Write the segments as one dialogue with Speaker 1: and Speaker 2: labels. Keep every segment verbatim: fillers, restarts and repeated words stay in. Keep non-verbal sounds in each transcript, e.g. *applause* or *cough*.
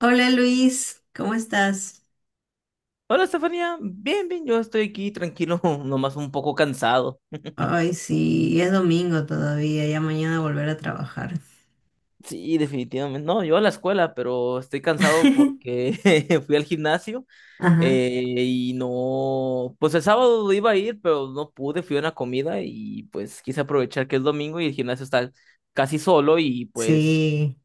Speaker 1: Hola Luis, ¿cómo estás?
Speaker 2: Hola, Estefanía. Bien, bien, yo estoy aquí tranquilo, *laughs* nomás un poco cansado.
Speaker 1: Ay, sí, es domingo todavía, ya mañana volver a trabajar.
Speaker 2: Sí, definitivamente. No, yo a la escuela, pero estoy cansado
Speaker 1: *laughs*
Speaker 2: porque *laughs* fui al gimnasio
Speaker 1: Ajá.
Speaker 2: eh, y no, pues el sábado iba a ir, pero no pude, fui a una comida y pues quise aprovechar que es domingo y el gimnasio está casi solo y pues
Speaker 1: Sí,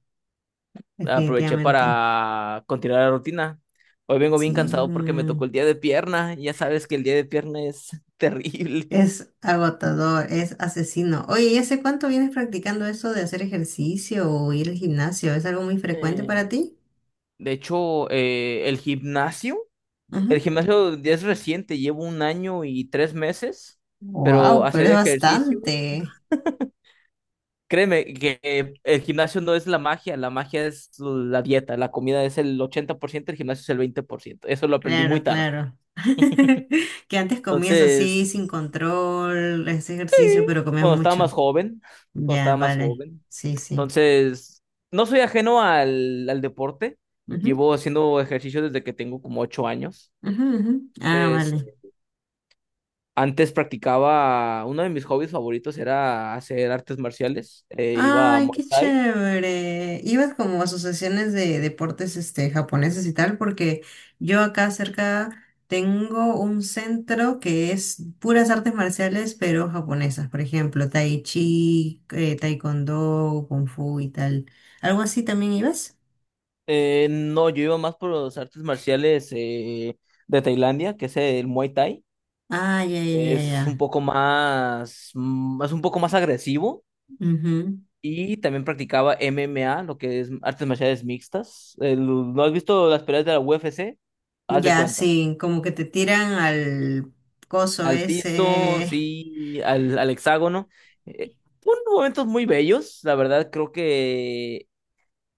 Speaker 2: aproveché
Speaker 1: definitivamente.
Speaker 2: para continuar la rutina. Hoy vengo bien
Speaker 1: Sí,
Speaker 2: cansado porque me
Speaker 1: mm,
Speaker 2: tocó el día de pierna, y ya sabes que el día de pierna es *laughs* terrible. *laughs*
Speaker 1: es agotador, es asesino. Oye, ¿y hace cuánto vienes practicando eso de hacer ejercicio o ir al gimnasio? ¿Es algo muy frecuente para
Speaker 2: Eh,
Speaker 1: ti?
Speaker 2: De hecho, eh, el gimnasio, el gimnasio es reciente, llevo un año y tres meses, pero
Speaker 1: Wow, pero
Speaker 2: hacer
Speaker 1: es
Speaker 2: ejercicio,
Speaker 1: bastante.
Speaker 2: créeme que eh, el gimnasio no es la magia, la magia es la dieta, la comida es el ochenta por ciento, el gimnasio es el veinte por ciento. Eso lo aprendí muy
Speaker 1: Claro,
Speaker 2: tarde.
Speaker 1: claro. *laughs* Que antes comías así sin
Speaker 2: Entonces,
Speaker 1: control, ese ejercicio, pero comías
Speaker 2: cuando estaba
Speaker 1: mucho.
Speaker 2: más joven, cuando
Speaker 1: Ya,
Speaker 2: estaba más
Speaker 1: vale.
Speaker 2: joven,
Speaker 1: Sí, sí.
Speaker 2: entonces, no soy ajeno al, al deporte,
Speaker 1: Ujú,
Speaker 2: llevo haciendo ejercicio desde que tengo como ocho años.
Speaker 1: ujú, ujú. Ah,
Speaker 2: Entonces,
Speaker 1: vale.
Speaker 2: antes practicaba, uno de mis hobbies favoritos era hacer artes marciales. Eh, iba a
Speaker 1: Ay,
Speaker 2: Muay
Speaker 1: qué
Speaker 2: Thai.
Speaker 1: chévere. Ibas como a asociaciones de deportes este, japoneses y tal, porque yo acá cerca tengo un centro que es puras artes marciales, pero japonesas. Por ejemplo, tai chi, eh, taekwondo, kung fu y tal. ¿Algo así también ibas?
Speaker 2: Eh, no, yo iba más por las artes marciales eh, de Tailandia, que es el Muay Thai.
Speaker 1: Ah, ya, ya, ya,
Speaker 2: Es un
Speaker 1: ya.
Speaker 2: poco más, mm, es un poco más agresivo.
Speaker 1: Ujú.
Speaker 2: Y también practicaba M M A, lo que es artes marciales mixtas. El- ¿no has visto las peleas de la U F C? Haz de
Speaker 1: Ya,
Speaker 2: cuenta.
Speaker 1: sí, como que te tiran al coso
Speaker 2: Al piso,
Speaker 1: ese.
Speaker 2: sí, al, al hexágono. Eh, fueron momentos muy bellos, la verdad creo que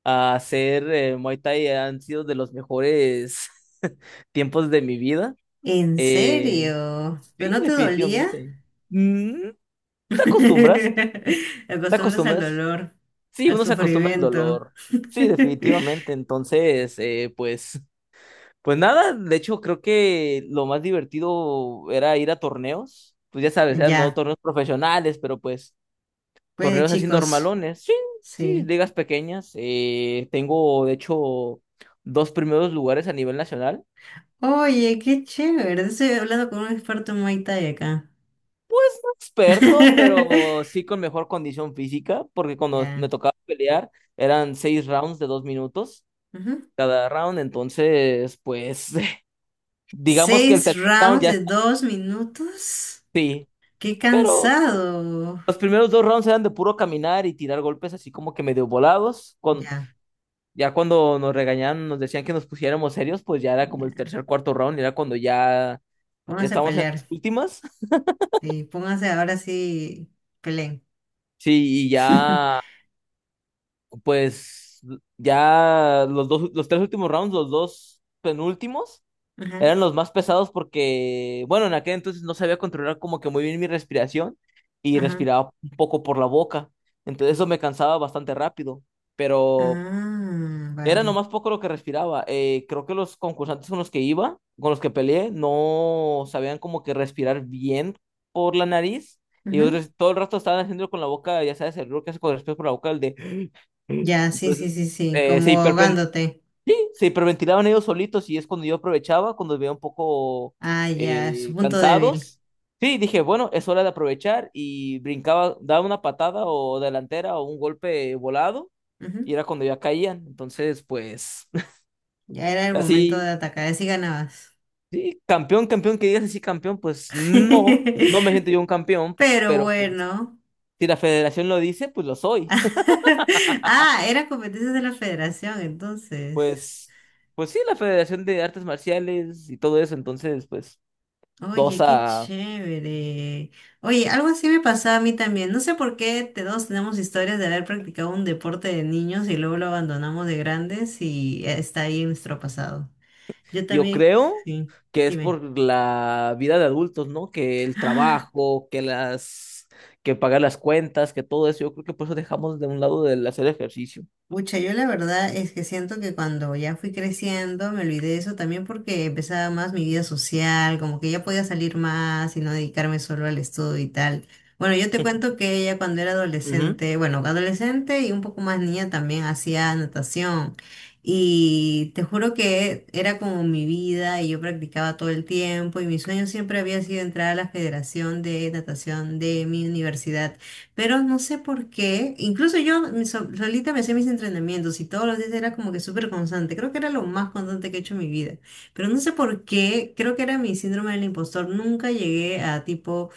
Speaker 2: a hacer eh, Muay Thai han sido de los mejores *laughs* tiempos de mi vida.
Speaker 1: ¿En
Speaker 2: Eh,
Speaker 1: serio? ¿Pero
Speaker 2: sí,
Speaker 1: no te dolía?
Speaker 2: definitivamente. Mm,
Speaker 1: *laughs*
Speaker 2: te acostumbras,
Speaker 1: Te
Speaker 2: te
Speaker 1: acostumbras al
Speaker 2: acostumbras.
Speaker 1: dolor,
Speaker 2: Sí,
Speaker 1: al
Speaker 2: uno se acostumbra al
Speaker 1: sufrimiento.
Speaker 2: dolor. Sí,
Speaker 1: *laughs*
Speaker 2: definitivamente. Entonces, eh, pues, pues nada, de hecho creo que lo más divertido era ir a torneos. Pues ya sabes, eran no
Speaker 1: Ya,
Speaker 2: torneos profesionales, pero pues
Speaker 1: pues
Speaker 2: torneos así
Speaker 1: chicos,
Speaker 2: normalones, sí, sí,
Speaker 1: sí.
Speaker 2: ligas pequeñas. Eh, tengo, de hecho, dos primeros lugares a nivel nacional.
Speaker 1: Oye, qué chévere. Estoy hablando con un experto en Muay Thai acá.
Speaker 2: No experto, pero
Speaker 1: *laughs*
Speaker 2: sí con mejor condición física, porque cuando
Speaker 1: Ya.
Speaker 2: me tocaba pelear eran seis rounds de dos minutos
Speaker 1: Ujú.
Speaker 2: cada round. Entonces, pues, *laughs* digamos que el
Speaker 1: Seis
Speaker 2: tercer round
Speaker 1: rounds
Speaker 2: ya
Speaker 1: de
Speaker 2: está
Speaker 1: dos minutos.
Speaker 2: así,
Speaker 1: Qué
Speaker 2: pero.
Speaker 1: cansado.
Speaker 2: Los primeros dos rounds eran de puro caminar y tirar golpes así como que medio volados, con
Speaker 1: Ya,
Speaker 2: Ya cuando nos regañaban, nos decían que nos pusiéramos serios, pues ya era como el
Speaker 1: ya.
Speaker 2: tercer, cuarto round, era cuando ya, ya
Speaker 1: Pónganse a
Speaker 2: estábamos en
Speaker 1: pelear.
Speaker 2: las últimas. *laughs*
Speaker 1: Sí, pónganse ahora sí, peleen.
Speaker 2: Sí, y ya,
Speaker 1: *laughs*
Speaker 2: pues, ya los dos, los tres últimos rounds, los dos penúltimos,
Speaker 1: Ajá,
Speaker 2: eran los más pesados porque, bueno, en aquel entonces no sabía controlar como que muy bien mi respiración y
Speaker 1: ajá.
Speaker 2: respiraba un poco por la boca. Entonces eso me cansaba bastante rápido, pero
Speaker 1: Ah,
Speaker 2: era
Speaker 1: vale.
Speaker 2: nomás poco lo que respiraba. Eh, creo que los concursantes con los que iba, con los que peleé, no sabían como que respirar bien por la nariz. Y
Speaker 1: Ujú.
Speaker 2: ellos res- todo el rato estaban haciéndolo con la boca, ya sabes, el ruido que hace con el respiras por la boca, el de *gasps*
Speaker 1: Ya, sí, sí,
Speaker 2: Entonces,
Speaker 1: sí, sí,
Speaker 2: eh, se
Speaker 1: como
Speaker 2: hiperpen-
Speaker 1: ahogándote.
Speaker 2: se hiperventilaban ellos solitos y es cuando yo aprovechaba, cuando los veía un poco
Speaker 1: Ah, ya, es su
Speaker 2: eh,
Speaker 1: punto débil.
Speaker 2: cansados. Sí, dije, bueno, es hora de aprovechar y brincaba, daba una patada o delantera o un golpe volado
Speaker 1: Ujú.
Speaker 2: y era cuando ya caían. Entonces, pues.
Speaker 1: Ya era el momento de
Speaker 2: Así,
Speaker 1: atacar, así ganabas.
Speaker 2: sí, campeón, campeón, que digas así campeón, pues no, no me siento
Speaker 1: *laughs*
Speaker 2: yo un campeón,
Speaker 1: Pero
Speaker 2: pero pues
Speaker 1: bueno.
Speaker 2: si la federación lo dice, pues lo soy. *laughs*
Speaker 1: *laughs* Ah, era competencia de la federación, entonces.
Speaker 2: Pues, pues sí, la Federación de Artes Marciales y todo eso, entonces, pues, dos
Speaker 1: Oye, qué
Speaker 2: a,
Speaker 1: chévere. Oye, algo así me pasaba a mí también. No sé por qué te dos tenemos historias de haber practicado un deporte de niños y luego lo abandonamos de grandes y está ahí en nuestro pasado. Yo
Speaker 2: yo
Speaker 1: también,
Speaker 2: creo
Speaker 1: sí,
Speaker 2: que es
Speaker 1: dime.
Speaker 2: por la vida de adultos, ¿no? Que el trabajo, que las, que pagar las cuentas, que todo eso, yo creo que por eso dejamos de un lado el hacer ejercicio.
Speaker 1: Mucha, yo la verdad es que siento que cuando ya fui creciendo me olvidé de eso también porque empezaba más mi vida social, como que ya podía salir más y no dedicarme solo al estudio y tal. Bueno, yo te cuento
Speaker 2: *laughs*
Speaker 1: que ella cuando era
Speaker 2: Ujú.
Speaker 1: adolescente, bueno, adolescente y un poco más niña también hacía natación y te juro que era como mi vida y yo practicaba todo el tiempo y mi sueño siempre había sido entrar a la Federación de Natación de mi universidad. Pero no sé por qué, incluso yo me so- solita me hacía mis entrenamientos y todos los días era como que súper constante. Creo que era lo más constante que he hecho en mi vida. Pero no sé por qué, creo que era mi síndrome del impostor. Nunca llegué a tipo,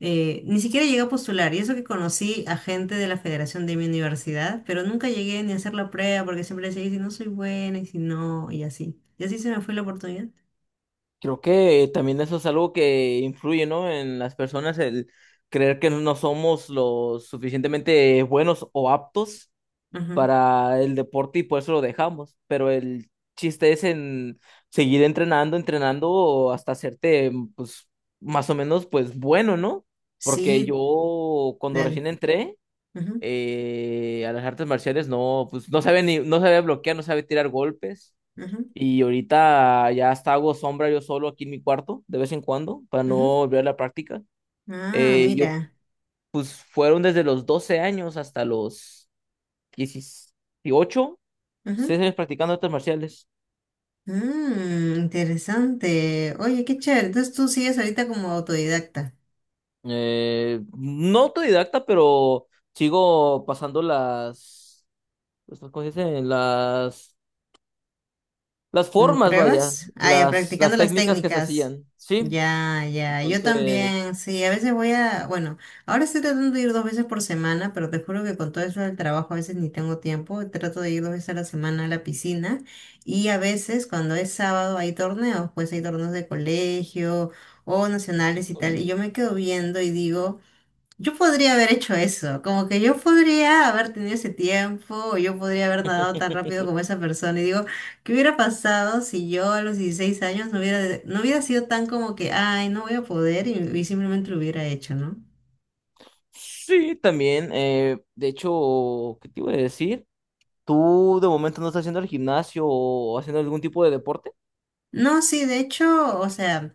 Speaker 1: eh, ni siquiera llegué a postular. Y eso que conocí a gente de la federación de mi universidad, pero nunca llegué ni a hacer la prueba porque siempre decía, "Y si no soy buena, y si no, y así. Y así se me fue la oportunidad.
Speaker 2: Creo que también eso es algo que influye, ¿no? En las personas, el creer que no somos lo suficientemente buenos o aptos
Speaker 1: Ajá.
Speaker 2: para el deporte y por eso lo dejamos. Pero el chiste es en seguir entrenando, entrenando hasta hacerte, pues, más o menos, pues, bueno, ¿no? Porque
Speaker 1: Sí,
Speaker 2: yo cuando
Speaker 1: dale.
Speaker 2: recién entré
Speaker 1: Ajá,
Speaker 2: eh, a las artes marciales, no, pues, no sabía ni, no sabía bloquear, no sabía tirar golpes.
Speaker 1: ajá,
Speaker 2: Y ahorita ya hasta hago sombra yo solo aquí en mi cuarto, de vez en cuando, para no
Speaker 1: ajá.
Speaker 2: volver a la práctica.
Speaker 1: Ah,
Speaker 2: Eh, yo
Speaker 1: mira.
Speaker 2: fueron desde los doce años hasta los dieciocho, seis años practicando artes marciales.
Speaker 1: Mm, interesante. Oye, qué chévere. Entonces tú sigues ahorita como autodidacta,
Speaker 2: Eh, no autodidacta, pero sigo pasando las, estas cosas dicen, las, las
Speaker 1: como
Speaker 2: formas, vaya,
Speaker 1: pruebas. Ah, ya,
Speaker 2: las,
Speaker 1: practicando
Speaker 2: las
Speaker 1: las
Speaker 2: técnicas que se
Speaker 1: técnicas.
Speaker 2: hacían, ¿sí?
Speaker 1: Ya, ya. Yo
Speaker 2: Entonces.
Speaker 1: también, sí, a veces voy a, bueno, ahora estoy tratando de ir dos veces por semana, pero te juro que con todo eso del trabajo a veces ni tengo tiempo. Trato de ir dos veces a la semana a la piscina y a veces cuando es sábado hay torneos, pues hay torneos de colegio o nacionales y tal, y yo me quedo viendo y digo... Yo podría haber hecho eso, como que yo podría haber tenido ese tiempo, o yo podría haber nadado tan
Speaker 2: *laughs*
Speaker 1: rápido como esa persona. Y digo, ¿qué hubiera pasado si yo a los dieciséis años no hubiera, no hubiera sido tan como que, ay, no voy a poder y, y simplemente lo hubiera hecho, ¿no?
Speaker 2: Sí, también. eh, de hecho, ¿qué te iba a decir? ¿Tú de momento no estás haciendo el gimnasio o haciendo algún tipo de deporte?
Speaker 1: No, sí, de hecho, o sea...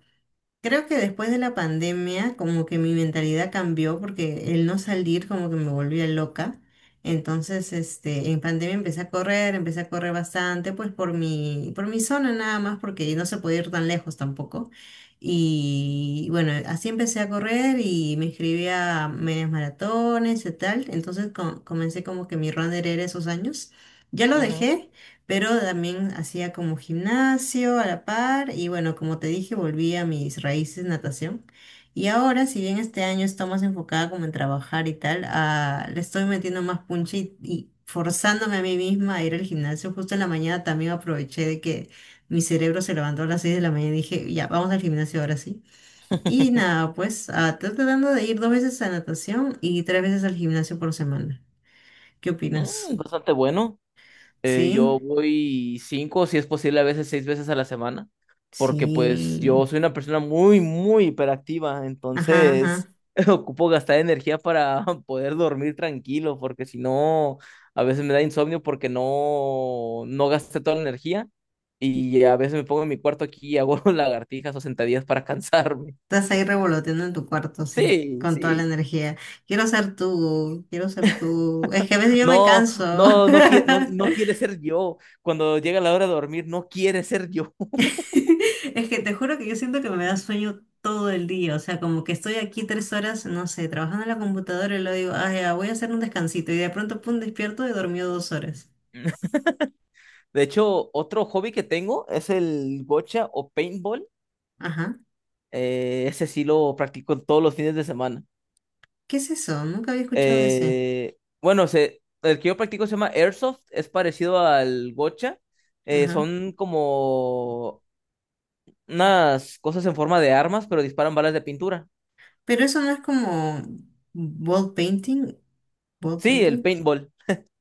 Speaker 1: Creo que después de la pandemia, como que mi mentalidad cambió porque el no salir como que me volvía loca. Entonces, este, en pandemia empecé a correr, empecé a correr bastante, pues por mi, por mi zona nada más, porque no se podía ir tan lejos tampoco. Y bueno, así empecé a correr y me inscribí a medias maratones y tal. Entonces com- comencé como que mi run era esos años. Ya lo
Speaker 2: Ujú.
Speaker 1: dejé pero también hacía como gimnasio a la par y bueno, como te dije, volví a mis raíces, natación. Y ahora, si bien este año está más enfocada como en trabajar y tal, ah, le estoy metiendo más punch y, y forzándome a mí misma a ir al gimnasio. Justo en la mañana también aproveché de que mi cerebro se levantó a las seis de la mañana y dije, ya, vamos al gimnasio ahora sí. Y nada, pues ah, estoy tratando de ir dos veces a natación y tres veces al gimnasio por semana. ¿Qué opinas?
Speaker 2: Mm, bastante bueno. Eh, yo
Speaker 1: ¿Sí?
Speaker 2: voy cinco, si es posible, a veces seis veces a la semana, porque pues
Speaker 1: Sí.
Speaker 2: yo soy una persona muy, muy hiperactiva,
Speaker 1: Ajá,
Speaker 2: entonces
Speaker 1: ajá.
Speaker 2: *laughs* ocupo gastar energía para *laughs* poder dormir tranquilo, porque si no, a veces me da insomnio porque no, no gasté toda la energía y a veces me pongo en mi cuarto aquí y hago *laughs* lagartijas o sentadillas para cansarme. *laughs*
Speaker 1: Estás ahí revoloteando en tu cuarto, sí,
Speaker 2: Sí,
Speaker 1: con toda la
Speaker 2: sí.
Speaker 1: energía. Quiero ser tú, quiero ser tú. Es que a veces yo me
Speaker 2: No,
Speaker 1: canso.
Speaker 2: no, no, qui- no, no quiere
Speaker 1: *laughs*
Speaker 2: ser yo. Cuando llega la hora de dormir, no quiere ser yo.
Speaker 1: Es que te juro que yo siento que me da sueño todo el día. O sea, como que estoy aquí tres horas, no sé, trabajando en la computadora y luego digo, ah, ya, voy a hacer un descansito. Y de pronto, pum, despierto y dormí dos horas.
Speaker 2: *laughs* De hecho, otro hobby que tengo es el gocha o paintball.
Speaker 1: Ajá.
Speaker 2: Eh, ese sí lo practico todos los fines de semana.
Speaker 1: ¿Qué es eso? Nunca había escuchado de ese.
Speaker 2: Eh, bueno, se- el que yo practico se llama Airsoft, es parecido al gocha. Eh,
Speaker 1: Ajá.
Speaker 2: son como unas cosas en forma de armas, pero disparan balas de pintura.
Speaker 1: Pero eso no es como wall painting. Wall
Speaker 2: Sí, el
Speaker 1: painting.
Speaker 2: paintball.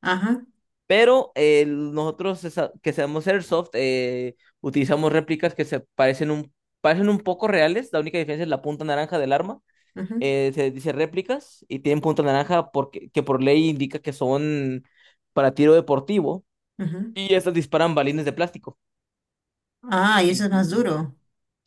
Speaker 1: Ajá,
Speaker 2: Pero eh, nosotros esa- que seamos Airsoft, eh, utilizamos réplicas que se parecen un, parecen un poco reales. La única diferencia es la punta naranja del arma.
Speaker 1: ajá,
Speaker 2: Eh, se dice réplicas y tienen punto naranja porque, que por ley indica que son para tiro deportivo
Speaker 1: ajá.
Speaker 2: y estas disparan balines de plástico.
Speaker 1: Ah, y eso
Speaker 2: Y,
Speaker 1: no es más
Speaker 2: y-
Speaker 1: duro.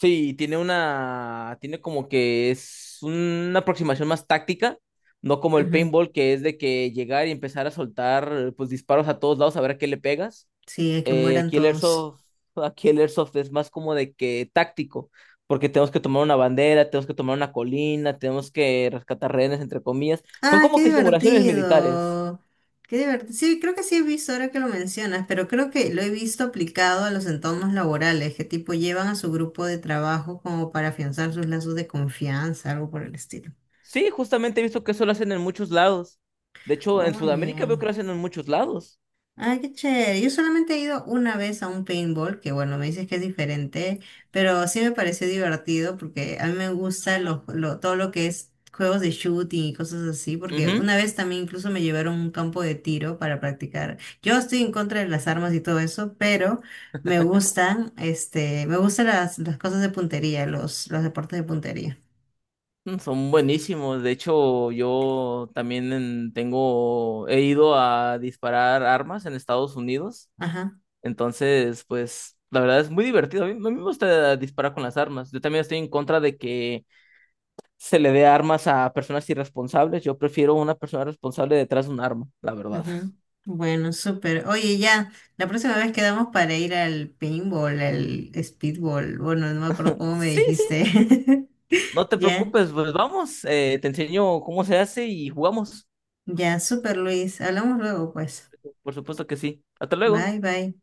Speaker 2: sí, tiene una, tiene como que es una aproximación más táctica, no como el
Speaker 1: Ujú.
Speaker 2: paintball que es de que llegar y empezar a soltar pues disparos a todos lados a ver a qué le pegas.
Speaker 1: Sí, es que
Speaker 2: Eh,
Speaker 1: mueran
Speaker 2: aquí el
Speaker 1: todos.
Speaker 2: Airsoft, *laughs* aquí el Airsoft es más como de que táctico, porque tenemos que tomar una bandera, tenemos que tomar una colina, tenemos que rescatar rehenes, entre comillas. Son
Speaker 1: Ah,
Speaker 2: como
Speaker 1: qué
Speaker 2: que simulaciones militares.
Speaker 1: divertido. Qué divertido. Sí, creo que sí he visto ahora que lo mencionas, pero creo que lo he visto aplicado a los entornos laborales, que tipo llevan a su grupo de trabajo como para afianzar sus lazos de confianza, algo por el estilo.
Speaker 2: Sí, justamente he visto que eso lo hacen en muchos lados. De hecho, en Sudamérica
Speaker 1: Oye.
Speaker 2: veo que lo hacen en muchos lados.
Speaker 1: Ay, qué chévere. Yo solamente he ido una vez a un paintball, que bueno, me dices que es diferente, pero sí me pareció divertido porque a mí me gusta lo, lo- todo lo que es juegos de shooting y cosas así, porque
Speaker 2: Ujú.
Speaker 1: una vez también incluso me llevaron a un campo de tiro para practicar. Yo estoy en contra de las armas y todo eso, pero me gustan, este, me gustan las, las cosas de puntería, los, los deportes de puntería.
Speaker 2: Mm, Son buenísimos. De hecho, yo también en- tengo, he ido a disparar armas en Estados Unidos.
Speaker 1: Ajá.
Speaker 2: Entonces, pues la verdad es muy divertido. A mí, a mí me gusta disparar con las armas. Yo también estoy en contra de que se le dé armas a personas irresponsables. Yo prefiero una persona responsable detrás de un arma, la verdad. *laughs*
Speaker 1: Ujú. Bueno, súper. Oye, ya, la próxima vez quedamos para ir al paintball, al speedball. Bueno, no me acuerdo cómo me
Speaker 2: Sí, sí,
Speaker 1: dijiste. *laughs*
Speaker 2: no te
Speaker 1: Ya,
Speaker 2: preocupes, pues vamos, eh, te enseño cómo se hace y jugamos.
Speaker 1: ya, súper, Luis. Hablamos luego, pues.
Speaker 2: Por supuesto que sí. Hasta luego.
Speaker 1: Bye, bye.